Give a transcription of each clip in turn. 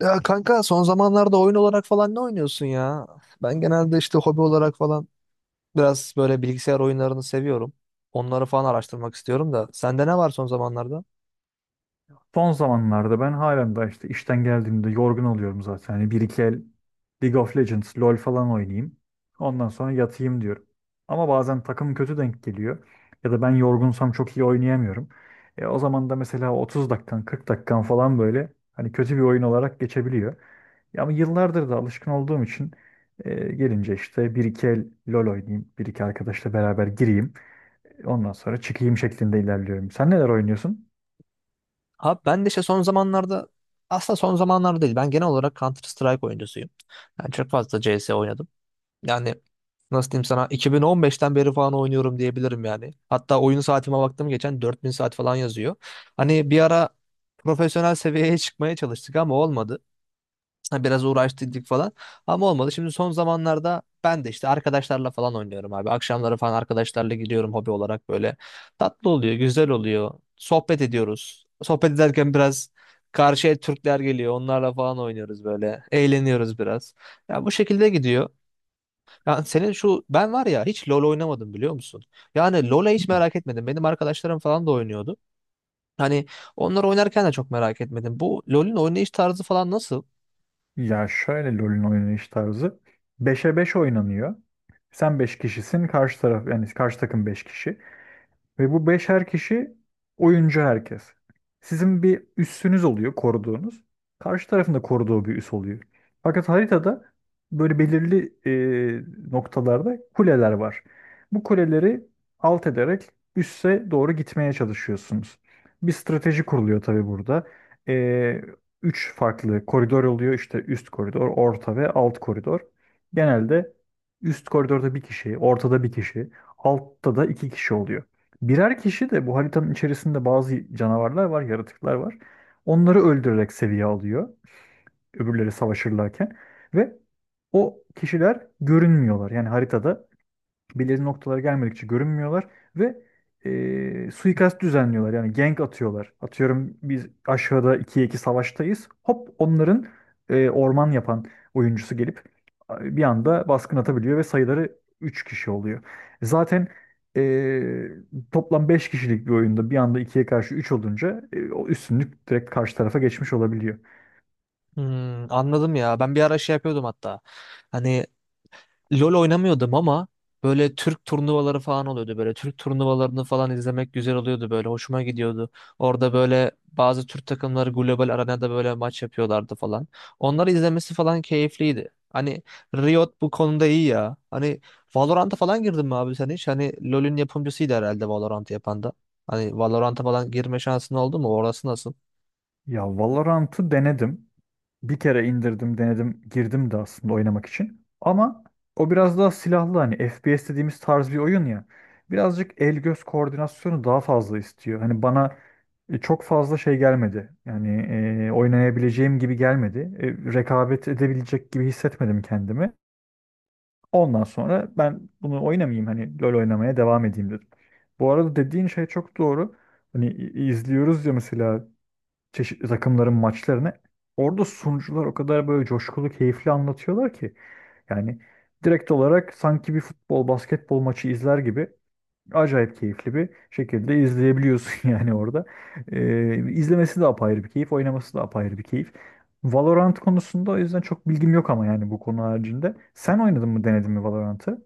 Ya kanka son zamanlarda oyun olarak falan ne oynuyorsun ya? Ben genelde işte hobi olarak falan biraz böyle bilgisayar oyunlarını seviyorum. Onları falan araştırmak istiyorum da. Sende ne var son zamanlarda? Son zamanlarda ben halen daha işte işten geldiğimde yorgun oluyorum zaten. Hani bir iki el League of Legends, LoL falan oynayayım. Ondan sonra yatayım diyorum. Ama bazen takım kötü denk geliyor. Ya da ben yorgunsam çok iyi oynayamıyorum. O zaman da mesela 30 dakikan, 40 dakikan falan böyle hani kötü bir oyun olarak geçebiliyor. Ya ama yıllardır da alışkın olduğum için gelince işte bir iki el LoL oynayayım. Bir iki arkadaşla beraber gireyim. Ondan sonra çıkayım şeklinde ilerliyorum. Sen neler oynuyorsun? Abi ben de işte son zamanlarda aslında son zamanlarda değil. Ben genel olarak Counter Strike oyuncusuyum. Yani çok fazla CS oynadım. Yani nasıl diyeyim sana 2015'ten beri falan oynuyorum diyebilirim yani. Hatta oyun saatime baktım geçen 4.000 saat falan yazıyor. Hani bir ara profesyonel seviyeye çıkmaya çalıştık ama olmadı. Ha, biraz uğraştırdık falan. Ama olmadı. Şimdi son zamanlarda ben de işte arkadaşlarla falan oynuyorum abi. Akşamları falan arkadaşlarla gidiyorum hobi olarak böyle. Tatlı oluyor, güzel oluyor. Sohbet ediyoruz. Sohbet ederken biraz karşıya Türkler geliyor. Onlarla falan oynuyoruz böyle. Eğleniyoruz biraz. Ya bu şekilde gidiyor. Yani senin şu ben var ya hiç LoL oynamadım biliyor musun? Yani LoL'e hiç merak etmedim. Benim arkadaşlarım falan da oynuyordu. Hani onlar oynarken de çok merak etmedim. Bu LoL'ün oynayış tarzı falan nasıl? Ya şöyle LoL'ün oynanış tarzı. Beşe 5 oynanıyor. Sen 5 kişisin, karşı taraf yani karşı takım 5 kişi. Ve bu beşer kişi oyuncu herkes. Sizin bir üssünüz oluyor koruduğunuz. Karşı tarafında koruduğu bir üs oluyor. Fakat haritada böyle belirli noktalarda kuleler var. Bu kuleleri alt ederek üsse doğru gitmeye çalışıyorsunuz. Bir strateji kuruluyor tabii burada. E, Üç farklı koridor oluyor. İşte üst koridor, orta ve alt koridor. Genelde üst koridorda bir kişi, ortada bir kişi, altta da iki kişi oluyor. Birer kişi de bu haritanın içerisinde bazı canavarlar var, yaratıklar var. Onları öldürerek seviye alıyor. Öbürleri savaşırlarken. Ve o kişiler görünmüyorlar. Yani haritada belirli noktalara gelmedikçe görünmüyorlar ve suikast düzenliyorlar. Yani gank atıyorlar. Atıyorum biz aşağıda ikiye 2 savaştayız. Hop onların orman yapan oyuncusu gelip bir anda baskın atabiliyor ve sayıları 3 kişi oluyor. Zaten e, toplam 5 kişilik bir oyunda bir anda ikiye karşı 3 olunca o üstünlük direkt karşı tarafa geçmiş olabiliyor. Hmm, anladım ya. Ben bir ara şey yapıyordum hatta. Hani LoL oynamıyordum ama böyle Türk turnuvaları falan oluyordu. Böyle Türk turnuvalarını falan izlemek güzel oluyordu böyle. Hoşuma gidiyordu. Orada böyle bazı Türk takımları global arenada böyle maç yapıyorlardı falan. Onları izlemesi falan keyifliydi. Hani Riot bu konuda iyi ya. Hani Valorant'a falan girdin mi abi sen hiç? Hani LoL'ün yapımcısıydı herhalde Valorant'ı yapan da. Hani Valorant'a falan girme şansın oldu mu? Orası nasıl? Ya Valorant'ı denedim. Bir kere indirdim, denedim, girdim de aslında oynamak için. Ama o biraz daha silahlı hani FPS dediğimiz tarz bir oyun ya. Birazcık el göz koordinasyonu daha fazla istiyor. Hani bana çok fazla şey gelmedi. Yani oynayabileceğim gibi gelmedi. Rekabet edebilecek gibi hissetmedim kendimi. Ondan sonra ben bunu oynamayayım hani LoL oynamaya devam edeyim dedim. Bu arada dediğin şey çok doğru. Hani izliyoruz ya mesela çeşitli takımların maçlarını. Orada sunucular o kadar böyle coşkulu, keyifli anlatıyorlar ki. Yani direkt olarak sanki bir futbol, basketbol maçı izler gibi acayip keyifli bir şekilde izleyebiliyorsun yani orada. İzlemesi de apayrı bir keyif, oynaması da apayrı bir keyif. Valorant konusunda o yüzden çok bilgim yok ama yani bu konu haricinde. Sen oynadın mı, denedin mi Valorant'ı?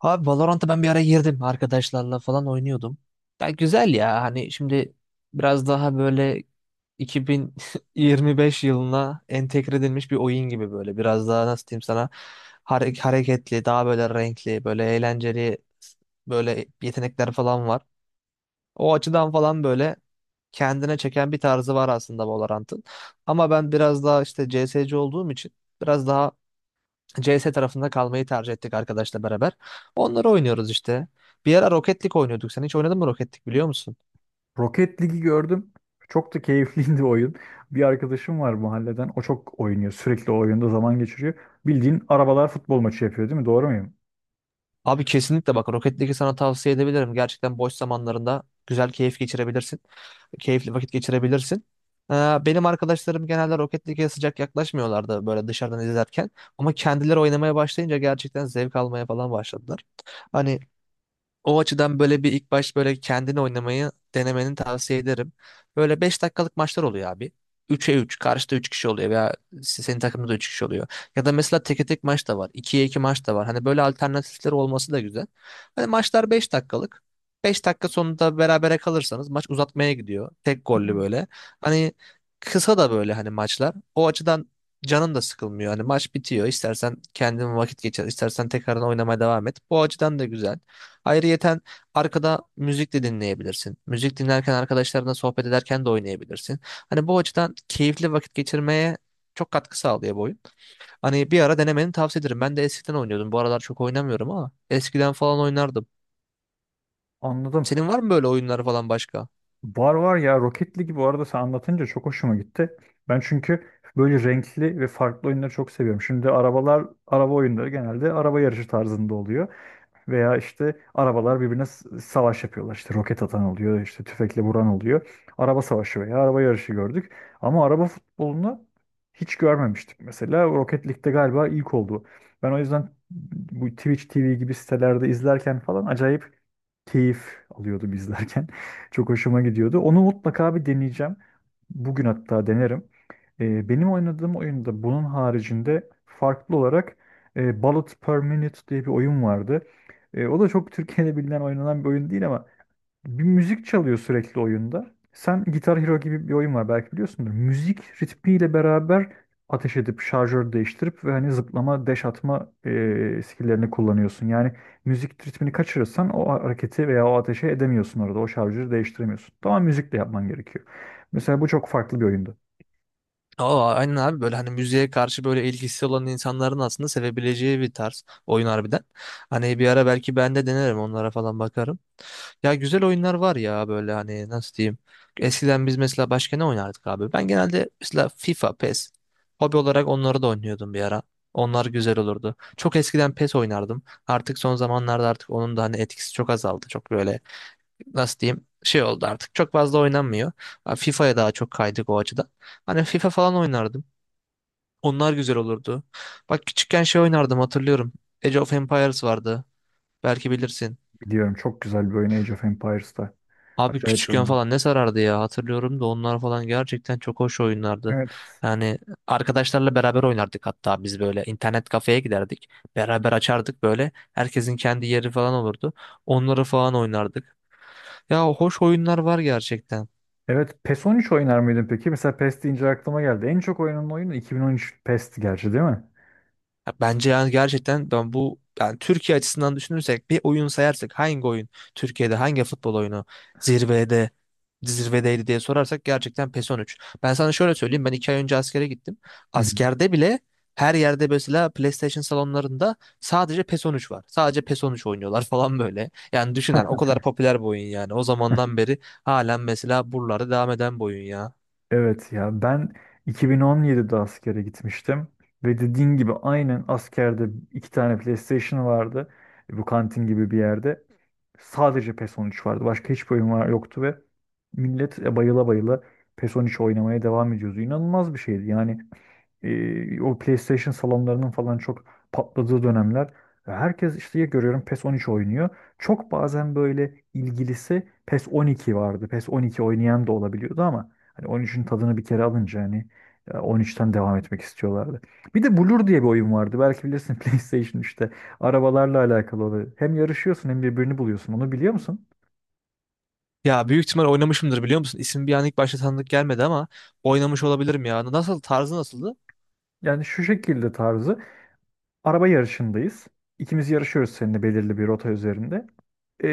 Abi Valorant'a ben bir ara girdim arkadaşlarla falan oynuyordum. Ya güzel ya hani şimdi biraz daha böyle 2025 yılına entegre edilmiş bir oyun gibi böyle biraz daha nasıl diyeyim sana hareketli daha böyle renkli böyle eğlenceli böyle yetenekler falan var. O açıdan falan böyle kendine çeken bir tarzı var aslında Valorant'ın. Ama ben biraz daha işte CS:GO olduğum için biraz daha CS tarafında kalmayı tercih ettik arkadaşla beraber. Onları oynuyoruz işte. Bir ara Rocket League oynuyorduk. Sen hiç oynadın mı Rocket League biliyor musun? Rocket League'i gördüm. Çok da keyifliydi oyun. Bir arkadaşım var mahalleden. O çok oynuyor. Sürekli o oyunda zaman geçiriyor. Bildiğin arabalar futbol maçı yapıyor değil mi? Doğru muyum? Abi kesinlikle bak Rocket League'i sana tavsiye edebilirim. Gerçekten boş zamanlarında güzel keyif geçirebilirsin. Keyifli vakit geçirebilirsin. Ee, Benim arkadaşlarım genelde Rocket League'e sıcak yaklaşmıyorlardı böyle dışarıdan izlerken. Ama kendileri oynamaya başlayınca gerçekten zevk almaya falan başladılar. Hani o açıdan böyle bir ilk baş böyle kendini oynamayı denemeni tavsiye ederim. Böyle 5 dakikalık maçlar oluyor abi. Üçe 3 karşıda 3 kişi oluyor veya senin takımda da 3 kişi oluyor. Ya da mesela teke tek maç da var. İkiye 2 maç da var. Hani böyle alternatifler olması da güzel. Hani maçlar 5 dakikalık. 5 dakika sonunda berabere kalırsanız maç uzatmaya gidiyor. Tek gollü böyle. Hani kısa da böyle hani maçlar. O açıdan canın da sıkılmıyor. Hani maç bitiyor. İstersen kendin vakit geçir, istersen tekrardan oynamaya devam et. Bu açıdan da güzel. Ayrıyeten arkada müzik de dinleyebilirsin. Müzik dinlerken arkadaşlarına sohbet ederken de oynayabilirsin. Hani bu açıdan keyifli vakit geçirmeye çok katkı sağlıyor bu oyun. Hani bir ara denemeni tavsiye ederim. Ben de eskiden oynuyordum. Bu aralar çok oynamıyorum ama eskiden falan oynardım. Anladım. Senin var mı böyle oyunlar falan başka? Var var ya, Rocket League'i bu arada sen anlatınca çok hoşuma gitti. Ben çünkü böyle renkli ve farklı oyunları çok seviyorum. Şimdi arabalar, araba oyunları genelde araba yarışı tarzında oluyor. Veya işte arabalar birbirine savaş yapıyorlar. İşte roket atan oluyor, işte tüfekle vuran oluyor. Araba savaşı veya araba yarışı gördük. Ama araba futbolunu hiç görmemiştik mesela. Rocket League'de galiba ilk oldu. Ben o yüzden bu Twitch TV gibi sitelerde izlerken falan acayip keyif alıyordum izlerken. Çok hoşuma gidiyordu. Onu mutlaka bir deneyeceğim. Bugün hatta denerim. Benim oynadığım oyunda bunun haricinde farklı olarak Bullet per Minute diye bir oyun vardı. O da çok Türkiye'de bilinen oynanan bir oyun değil ama bir müzik çalıyor sürekli oyunda. Sen Guitar Hero gibi bir oyun var belki biliyorsundur. Müzik ritmiyle beraber ateş edip şarjör değiştirip ve hani zıplama, dash atma skill'lerini kullanıyorsun. Yani müzik ritmini kaçırırsan o hareketi veya o ateşe edemiyorsun orada. O şarjörü değiştiremiyorsun. Tamam müzikle yapman gerekiyor. Mesela bu çok farklı bir oyundu. Aa, aynen abi böyle hani müziğe karşı böyle ilgisi olan insanların aslında sevebileceği bir tarz oyun harbiden. Hani bir ara belki ben de denerim onlara falan bakarım. Ya güzel oyunlar var ya böyle hani nasıl diyeyim. Eskiden biz mesela başka ne oynardık abi? Ben genelde mesela FIFA, PES. Hobi olarak onları da oynuyordum bir ara. Onlar güzel olurdu. Çok eskiden PES oynardım. Artık son zamanlarda artık onun da hani etkisi çok azaldı. Çok böyle nasıl diyeyim şey oldu artık. Çok fazla oynanmıyor. Ha, FIFA'ya daha çok kaydık o açıdan. Hani FIFA falan oynardım. Onlar güzel olurdu. Bak küçükken şey oynardım hatırlıyorum. Age of Empires vardı. Belki bilirsin. Biliyorum, çok güzel bir oyun Age of Empires'ta. Abi Acayip bir küçükken oyundu. falan ne sarardı ya hatırlıyorum da onlar falan gerçekten çok hoş oyunlardı. Evet. Yani arkadaşlarla beraber oynardık hatta biz böyle internet kafeye giderdik. Beraber açardık böyle herkesin kendi yeri falan olurdu. Onları falan oynardık. Ya hoş oyunlar var gerçekten. Evet, PES on üç oynar mıydın peki? Mesela PES deyince aklıma geldi. En çok oynanan oyun 2013 PES'ti gerçi değil mi? Ya bence yani gerçekten ben bu yani Türkiye açısından düşünürsek bir oyun sayarsak hangi oyun Türkiye'de hangi futbol oyunu zirvede zirvedeydi diye sorarsak gerçekten PES 13. Ben sana şöyle söyleyeyim ben 2 ay önce askere gittim. Askerde bile her yerde mesela PlayStation salonlarında sadece PES 13 var. Sadece PES 13 oynuyorlar falan böyle. Yani düşünen o Heh, kadar popüler bir oyun yani. O zamandan beri halen mesela buralarda devam eden bir oyun ya. evet ya ben 2017'de askere gitmiştim ve dediğin gibi aynen askerde iki tane PlayStation vardı. E, Bu kantin gibi bir yerde. Sadece PES 13 vardı. Başka hiçbir oyun var yoktu ve millet bayıla bayıla PES 13 oynamaya devam ediyordu. İnanılmaz bir şeydi. Yani o PlayStation salonlarının falan çok patladığı dönemler. Herkes işte ya görüyorum PES 13 oynuyor. Çok bazen böyle ilgilisi PES 12 vardı. PES 12 oynayan da olabiliyordu ama hani 13'ün tadını bir kere alınca hani 13'ten devam etmek istiyorlardı. Bir de Blur diye bir oyun vardı. Belki bilirsin PlayStation işte arabalarla alakalı oluyor. Hem yarışıyorsun hem birbirini buluyorsun. Onu biliyor musun? Ya büyük ihtimal oynamışımdır biliyor musun? İsim bir an ilk başta tanıdık gelmedi ama oynamış olabilirim ya. Nasıl tarzı nasıldı? Yani şu şekilde tarzı araba yarışındayız. İkimiz yarışıyoruz seninle belirli bir rota üzerinde. e,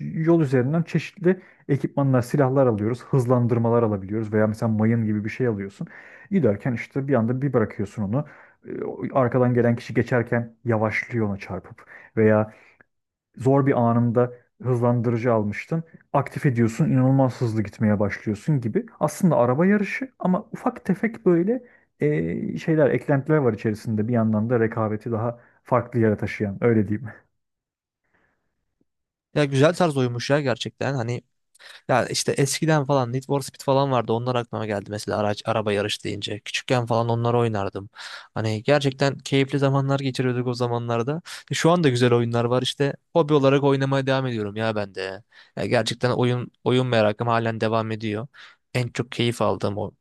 Yol üzerinden çeşitli ekipmanlar, silahlar alıyoruz. Hızlandırmalar alabiliyoruz veya mesela mayın gibi bir şey alıyorsun. Giderken işte bir anda bir bırakıyorsun onu. Arkadan gelen kişi geçerken yavaşlıyor ona çarpıp veya zor bir anında hızlandırıcı almıştın. Aktif ediyorsun, inanılmaz hızlı gitmeye başlıyorsun gibi. Aslında araba yarışı ama ufak tefek böyle şeyler, eklentiler var içerisinde. Bir yandan da rekabeti daha farklı yere taşıyan, öyle diyeyim. Ya güzel tarz oymuş ya gerçekten. Hani ya işte eskiden falan Need for Speed falan vardı. Onlar aklıma geldi mesela araç araba yarış deyince. Küçükken falan onları oynardım. Hani gerçekten keyifli zamanlar geçiriyorduk o zamanlarda. Şu anda güzel oyunlar var işte. Hobi olarak oynamaya devam ediyorum ya ben de. Ya gerçekten oyun merakım halen devam ediyor. En çok keyif aldığım o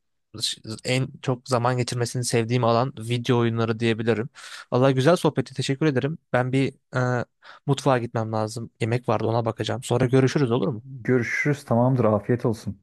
en çok zaman geçirmesini sevdiğim alan video oyunları diyebilirim. Vallahi güzel sohbeti teşekkür ederim. Ben bir e, mutfağa gitmem lazım. Yemek vardı ona bakacağım. Sonra görüşürüz olur mu? Görüşürüz, tamamdır, afiyet olsun.